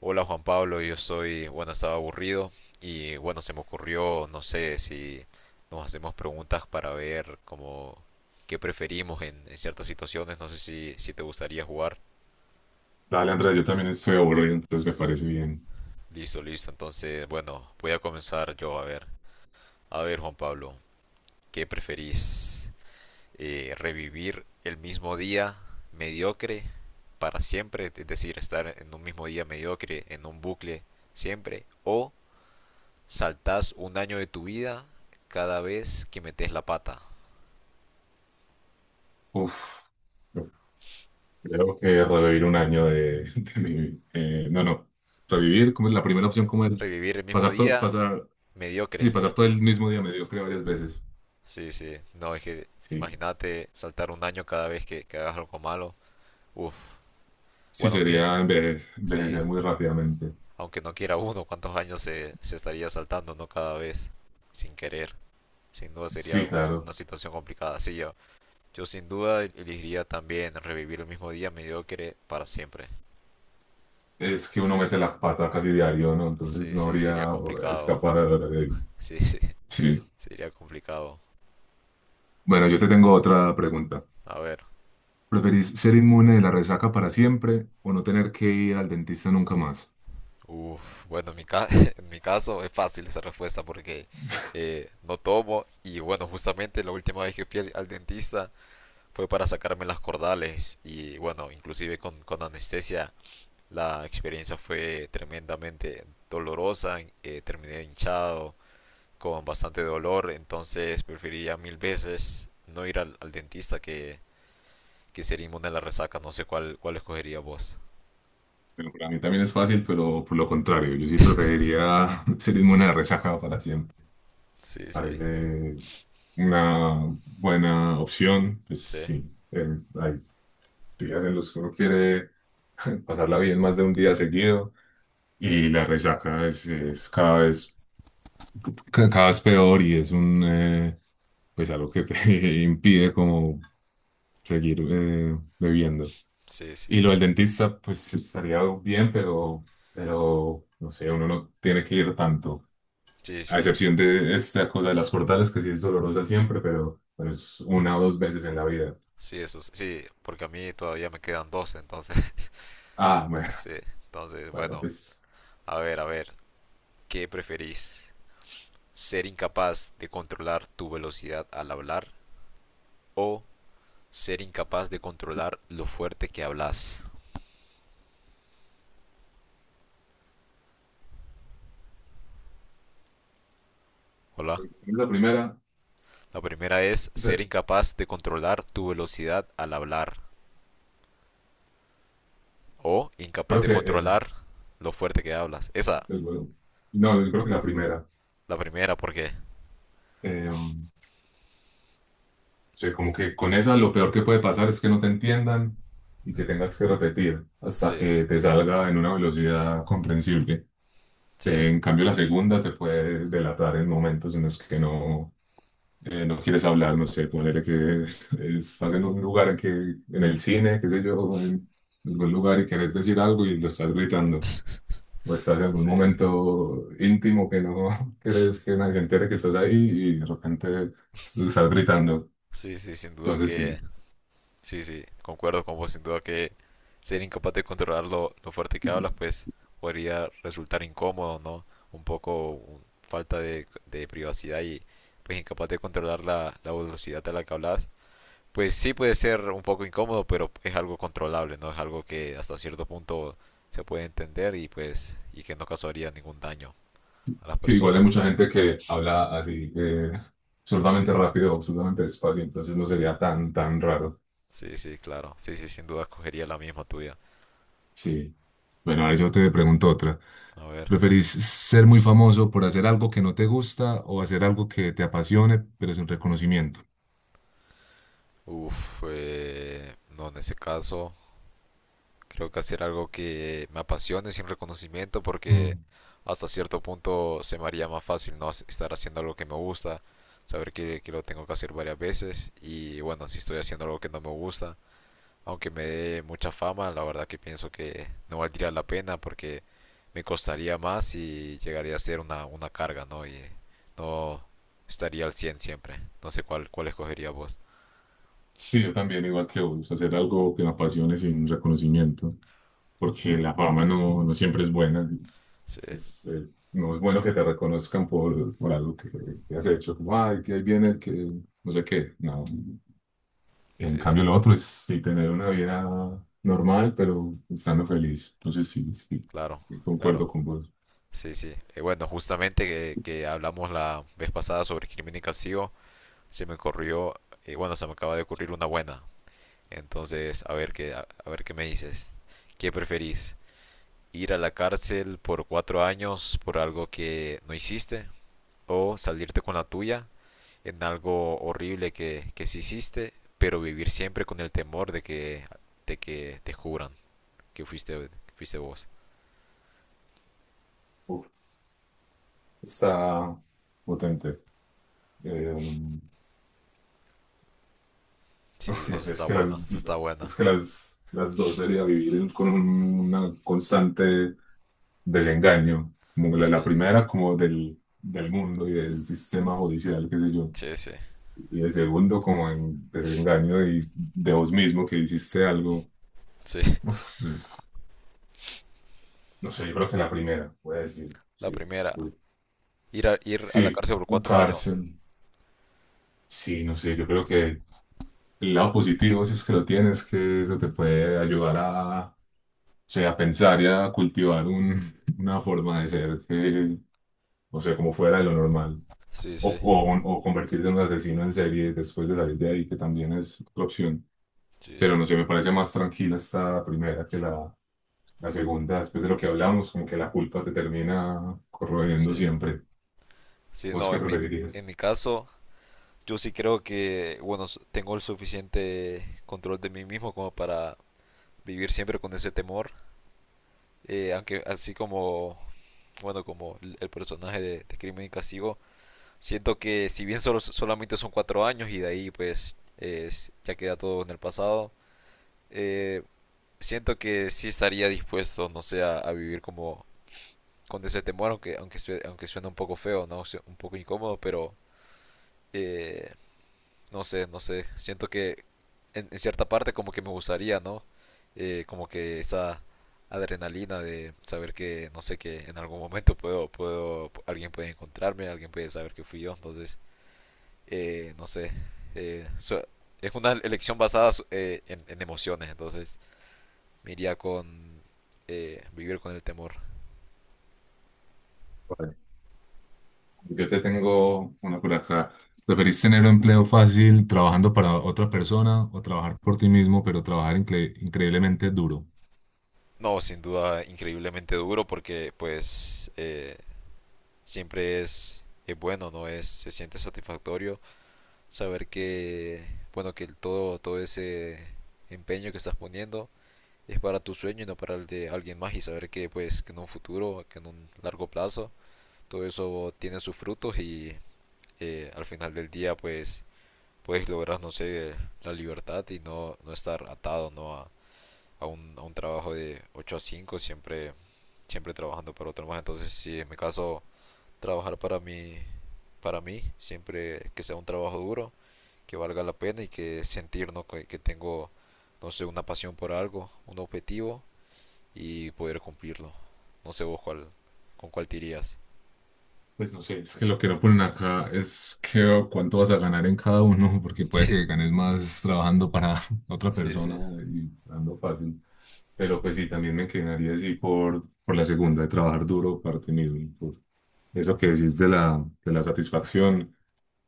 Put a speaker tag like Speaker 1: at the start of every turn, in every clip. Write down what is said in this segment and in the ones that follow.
Speaker 1: Hola Juan Pablo, yo estoy, bueno, estaba aburrido y bueno, se me ocurrió, no sé si nos hacemos preguntas para ver como qué preferimos en ciertas situaciones, no sé si te gustaría jugar.
Speaker 2: Dale, Andrés, yo también estoy aburrido, entonces me parece bien.
Speaker 1: Listo, listo, entonces bueno, voy a comenzar yo a ver. A ver Juan Pablo, ¿qué preferís? ¿Revivir el mismo día mediocre para siempre? Es decir, estar en un mismo día mediocre, en un bucle siempre, o saltás un año de tu vida cada vez que metes la pata.
Speaker 2: Uf, yo creo que revivir un año de mi... no, no, revivir, como es la primera opción, como el
Speaker 1: Revivir el mismo
Speaker 2: pasar todo,
Speaker 1: día,
Speaker 2: pasar, sí,
Speaker 1: mediocre.
Speaker 2: pasar todo el mismo día mediocre varias veces.
Speaker 1: Sí, sí. No, es que
Speaker 2: Sí,
Speaker 1: imagínate saltar un año cada vez que hagas algo malo. Uf.
Speaker 2: sí,
Speaker 1: Bueno, que
Speaker 2: sería
Speaker 1: sí.
Speaker 2: envejecer muy rápidamente.
Speaker 1: Aunque no quiera uno, ¿cuántos años se estaría saltando, no? Cada vez. Sin querer. Sin duda sería
Speaker 2: Sí,
Speaker 1: una
Speaker 2: claro,
Speaker 1: situación complicada. Sí, yo sin duda elegiría también revivir el mismo día mediocre para siempre.
Speaker 2: es que uno mete la pata casi diario, ¿no? Entonces
Speaker 1: Sí,
Speaker 2: no
Speaker 1: sí, sería
Speaker 2: habría
Speaker 1: complicado.
Speaker 2: escapar. De
Speaker 1: Sí, sí,
Speaker 2: sí.
Speaker 1: sería complicado.
Speaker 2: Bueno, yo te tengo otra pregunta.
Speaker 1: A ver,
Speaker 2: ¿Preferís ser inmune de la resaca para siempre o no tener que ir al dentista nunca más?
Speaker 1: uf, bueno, en mi caso es fácil esa respuesta porque no tomo y bueno, justamente la última vez que fui al dentista fue para sacarme las cordales y bueno, inclusive con anestesia la experiencia fue tremendamente dolorosa, terminé hinchado con bastante dolor, entonces preferiría mil veces no ir al dentista que ser inmune a la resaca, no sé cuál escogería vos.
Speaker 2: Bueno, para mí también es fácil, pero por lo contrario, yo sí preferiría ser inmune a la resaca para siempre.
Speaker 1: Sí, sí,
Speaker 2: Parece una buena opción. Pues
Speaker 1: sí,
Speaker 2: sí, hay días en los que uno quiere pasarla bien más de un día seguido y la resaca es cada vez, cada vez peor y es un, pues algo que te impide como seguir bebiendo.
Speaker 1: sí,
Speaker 2: Y lo
Speaker 1: sí,
Speaker 2: del dentista, pues estaría bien, pero no sé, uno no tiene que ir tanto,
Speaker 1: sí,
Speaker 2: a
Speaker 1: sí.
Speaker 2: excepción de esta cosa de las cortadas, que sí es dolorosa siempre, pero es una o dos veces en la vida.
Speaker 1: Sí, eso sí, porque a mí todavía me quedan dos, entonces,
Speaker 2: Ah, bueno,
Speaker 1: sí, entonces,
Speaker 2: bueno,
Speaker 1: bueno,
Speaker 2: pues
Speaker 1: a ver, ¿qué preferís? ¿Ser incapaz de controlar tu velocidad al hablar o ser incapaz de controlar lo fuerte que hablas? Hola.
Speaker 2: la primera,
Speaker 1: La primera es ser
Speaker 2: se-
Speaker 1: incapaz de controlar tu velocidad al hablar o incapaz
Speaker 2: creo
Speaker 1: de
Speaker 2: que esa,
Speaker 1: controlar lo fuerte que hablas. Esa,
Speaker 2: el no, yo creo que la primera.
Speaker 1: la primera, porque
Speaker 2: O como que con esa lo peor que puede pasar es que no te entiendan y que tengas que repetir hasta
Speaker 1: sí,
Speaker 2: que te salga en una velocidad comprensible.
Speaker 1: sí,
Speaker 2: En cambio, la segunda te puede delatar en momentos en los que no, no quieres hablar, no sé, ponele que estás en un lugar que, en el cine, qué sé yo, en algún lugar y querés decir algo y lo estás gritando, o estás en algún
Speaker 1: sí,
Speaker 2: momento íntimo que no quieres que nadie se entere que estás ahí y de repente estás gritando.
Speaker 1: sí, sí, sin duda
Speaker 2: Entonces,
Speaker 1: que.
Speaker 2: sí,
Speaker 1: Sí, sí, concuerdo con vos, sin duda que ser incapaz de controlar lo fuerte que hablas, pues podría resultar incómodo, ¿no? Un poco falta de privacidad y pues incapaz de controlar la velocidad a la que hablas, pues sí puede ser un poco incómodo, pero es algo controlable, ¿no? Es algo que hasta cierto punto se puede entender y pues y que no causaría ningún daño a las
Speaker 2: sí, igual hay mucha
Speaker 1: personas.
Speaker 2: gente que habla así, absurdamente
Speaker 1: Sí,
Speaker 2: rápido, absurdamente despacio, entonces no sería tan, tan raro.
Speaker 1: sí, sí, claro. Sí, sí, sin duda escogería la misma tuya.
Speaker 2: Sí. Bueno, ahora yo te pregunto otra.
Speaker 1: A ver.
Speaker 2: ¿Preferís ser muy famoso por hacer algo que no te gusta o hacer algo que te apasione pero sin reconocimiento?
Speaker 1: Uf, no, en ese caso. Creo que hacer algo que me apasione sin reconocimiento porque
Speaker 2: Mm.
Speaker 1: hasta cierto punto se me haría más fácil no estar haciendo algo que me gusta, saber que lo tengo que hacer varias veces y bueno, si estoy haciendo algo que no me gusta, aunque me dé mucha fama, la verdad que pienso que no valdría la pena porque me costaría más y llegaría a ser una carga, ¿no? Y no estaría al 100 siempre. No sé cuál escogería vos.
Speaker 2: Sí, yo también, igual que vos, hacer algo que me apasione sin reconocimiento, porque la fama no, no siempre es buena.
Speaker 1: Sí,
Speaker 2: Es, no es bueno que te reconozcan por algo que has hecho, como, ay, que ahí viene el que no sé qué. No. En
Speaker 1: sí, sí,
Speaker 2: cambio, lo otro es sí tener una vida normal, pero estando feliz. Entonces, sí, sí,
Speaker 1: claro, claro.
Speaker 2: concuerdo con vos.
Speaker 1: Sí, sí. Bueno, justamente que hablamos la vez pasada sobre Crimen y Castigo, se me ocurrió, bueno, se me acaba de ocurrir una buena. Entonces, a ver qué, a ver qué me dices. ¿Qué preferís? ¿Ir a la cárcel por 4 años por algo que no hiciste? ¿O salirte con la tuya en algo horrible que sí hiciste, pero vivir siempre con el temor de que te juzgan que fuiste vos?
Speaker 2: Uf, está potente. Eh,
Speaker 1: Sí,
Speaker 2: uf,
Speaker 1: esa
Speaker 2: no sé,
Speaker 1: está buena, esa está buena.
Speaker 2: es que las dos sería vivir con una constante desengaño. Como la,
Speaker 1: Sí,
Speaker 2: la primera, como del, del mundo y del sistema judicial, qué sé yo.
Speaker 1: sí, sí,
Speaker 2: Y el segundo, como en desengaño y de vos mismo que hiciste algo.
Speaker 1: sí.
Speaker 2: Uf, no sé, yo creo que la primera, voy a decir.
Speaker 1: La
Speaker 2: Sí,
Speaker 1: primera.
Speaker 2: uy,
Speaker 1: Ir a la
Speaker 2: sí,
Speaker 1: cárcel por cuatro años.
Speaker 2: cárcel. Sí, no sé, yo creo que el lado positivo, si es que lo tienes, que eso te puede ayudar a, o sea, a pensar y a cultivar una forma de ser que, o sea, como fuera de lo normal.
Speaker 1: Sí, sí,
Speaker 2: O convertirte en un asesino en serie después de salir de ahí, que también es otra opción.
Speaker 1: sí,
Speaker 2: Pero
Speaker 1: sí,
Speaker 2: no sé, me parece más tranquila esta primera que la segunda. Después de lo que hablamos, como que la culpa te termina corroyendo
Speaker 1: sí.
Speaker 2: siempre.
Speaker 1: Sí,
Speaker 2: ¿Vos
Speaker 1: no,
Speaker 2: qué
Speaker 1: en mi,
Speaker 2: preferirías?
Speaker 1: en mi caso, yo sí creo que, bueno, tengo el suficiente control de mí mismo como para vivir siempre con ese temor. Aunque así como, bueno, como el personaje de Crimen y Castigo, siento que si bien solamente son 4 años y de ahí pues ya queda todo en el pasado, eh, siento que sí estaría dispuesto, no sé, a vivir como con ese temor, aunque suena un poco feo, ¿no? Un poco incómodo, pero eh, no sé, no sé. Siento que en cierta parte como que me gustaría, ¿no? Como que esa adrenalina de saber que, no sé, que en algún momento puedo, alguien puede encontrarme, alguien puede saber que fui yo, entonces, no sé. eh, su- es una elección basada en emociones, entonces me iría con vivir con el temor.
Speaker 2: Vale. Yo te tengo una por acá. ¿Preferís tener un empleo fácil trabajando para otra persona o trabajar por ti mismo, pero trabajar increíblemente duro?
Speaker 1: No, sin duda, increíblemente duro porque pues siempre es bueno, ¿no? Es, se siente satisfactorio saber que, bueno, que el todo, todo ese empeño que estás poniendo es para tu sueño y no para el de alguien más y saber que pues que en un futuro, que en un largo plazo, todo eso tiene sus frutos y al final del día pues puedes lograr, no sé, la libertad y no estar atado, ¿no? A un trabajo de 8 a 5 siempre siempre trabajando para otro más. Entonces, si en mi caso trabajar para mí, siempre que sea un trabajo duro, que valga la pena y que sentir ¿no? que tengo, no sé, una pasión por algo, un objetivo y poder cumplirlo. No sé vos cuál, con cuál te irías.
Speaker 2: Pues no sé, es que lo que no ponen acá es que cuánto vas a ganar en cada uno, porque puede que ganes más trabajando para otra
Speaker 1: Sí, sí,
Speaker 2: persona
Speaker 1: sí.
Speaker 2: y dando fácil. Pero pues sí, también me inclinaría así por la segunda, de trabajar duro para ti mismo. Por eso que decís de la satisfacción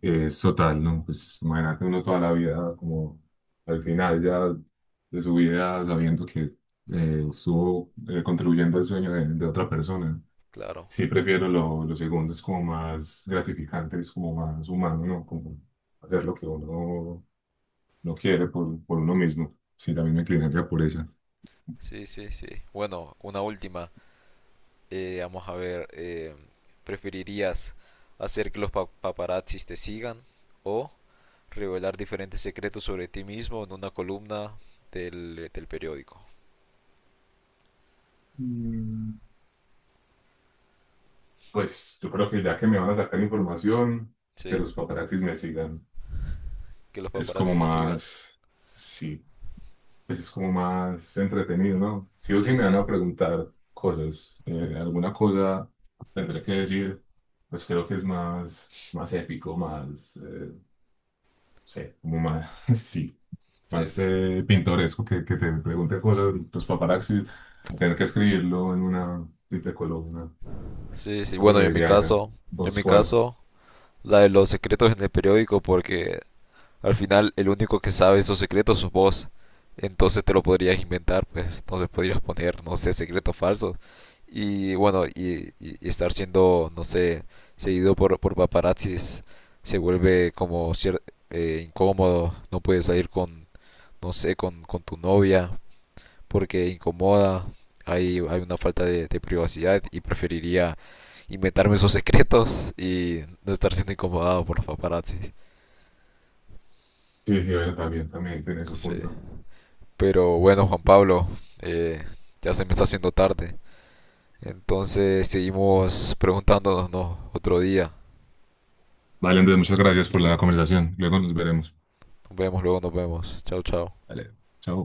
Speaker 2: es total, ¿no? Pues imagínate uno toda la vida, como al final ya de su vida, sabiendo que estuvo contribuyendo al sueño de otra persona.
Speaker 1: Claro,
Speaker 2: Sí, prefiero lo segundo, es como más gratificante, es como más humano, ¿no? Como hacer lo que uno no quiere por uno mismo. Sí, también me inclinaría por esa.
Speaker 1: sí, sí, sí. Bueno, una última. Vamos a ver, ¿preferirías hacer que los paparazzis te sigan o revelar diferentes secretos sobre ti mismo en una columna del periódico?
Speaker 2: Mm. Pues yo creo que ya que me van a sacar información, que
Speaker 1: Sí,
Speaker 2: los paparazzis me sigan.
Speaker 1: que los
Speaker 2: Es
Speaker 1: paparazzi
Speaker 2: como
Speaker 1: te sigan.
Speaker 2: más, sí, pues es como más entretenido, ¿no? Sí o sí
Speaker 1: Sí,
Speaker 2: me
Speaker 1: sí,
Speaker 2: van a preguntar cosas, alguna cosa tendré que decir, pues creo que es más, más épico, más, no sé, como más, sí,
Speaker 1: sí,
Speaker 2: más
Speaker 1: sí.
Speaker 2: pintoresco que te pregunte cosas los paparazzis, a tener que escribirlo en una simple columna.
Speaker 1: Sí, sí,
Speaker 2: Yo
Speaker 1: bueno, yo en mi
Speaker 2: preferiría esa.
Speaker 1: caso, yo en
Speaker 2: ¿Vos
Speaker 1: mi
Speaker 2: cuál?
Speaker 1: caso, la de los secretos en el periódico, porque al final, el único que sabe esos secretos sos vos. Entonces te lo podrías inventar, pues. Entonces podrías poner, no sé, secretos falsos. Y bueno, y estar siendo, no sé, seguido por paparazzis se vuelve como incómodo. No puedes salir con, no sé, con tu novia porque incomoda. Hay una falta de privacidad y preferiría inventarme esos secretos y no estar siendo incomodado por los paparazzis.
Speaker 2: Sí, sí, bueno, también, también tiene su
Speaker 1: Sí.
Speaker 2: punto.
Speaker 1: Pero bueno, Juan Pablo, eh, ya se me está haciendo tarde. Entonces seguimos preguntándonos ¿no? otro día.
Speaker 2: Vale, Andrés, muchas gracias por la conversación. Luego nos veremos.
Speaker 1: Nos vemos, luego nos vemos. Chao, chao.
Speaker 2: Vale, chao.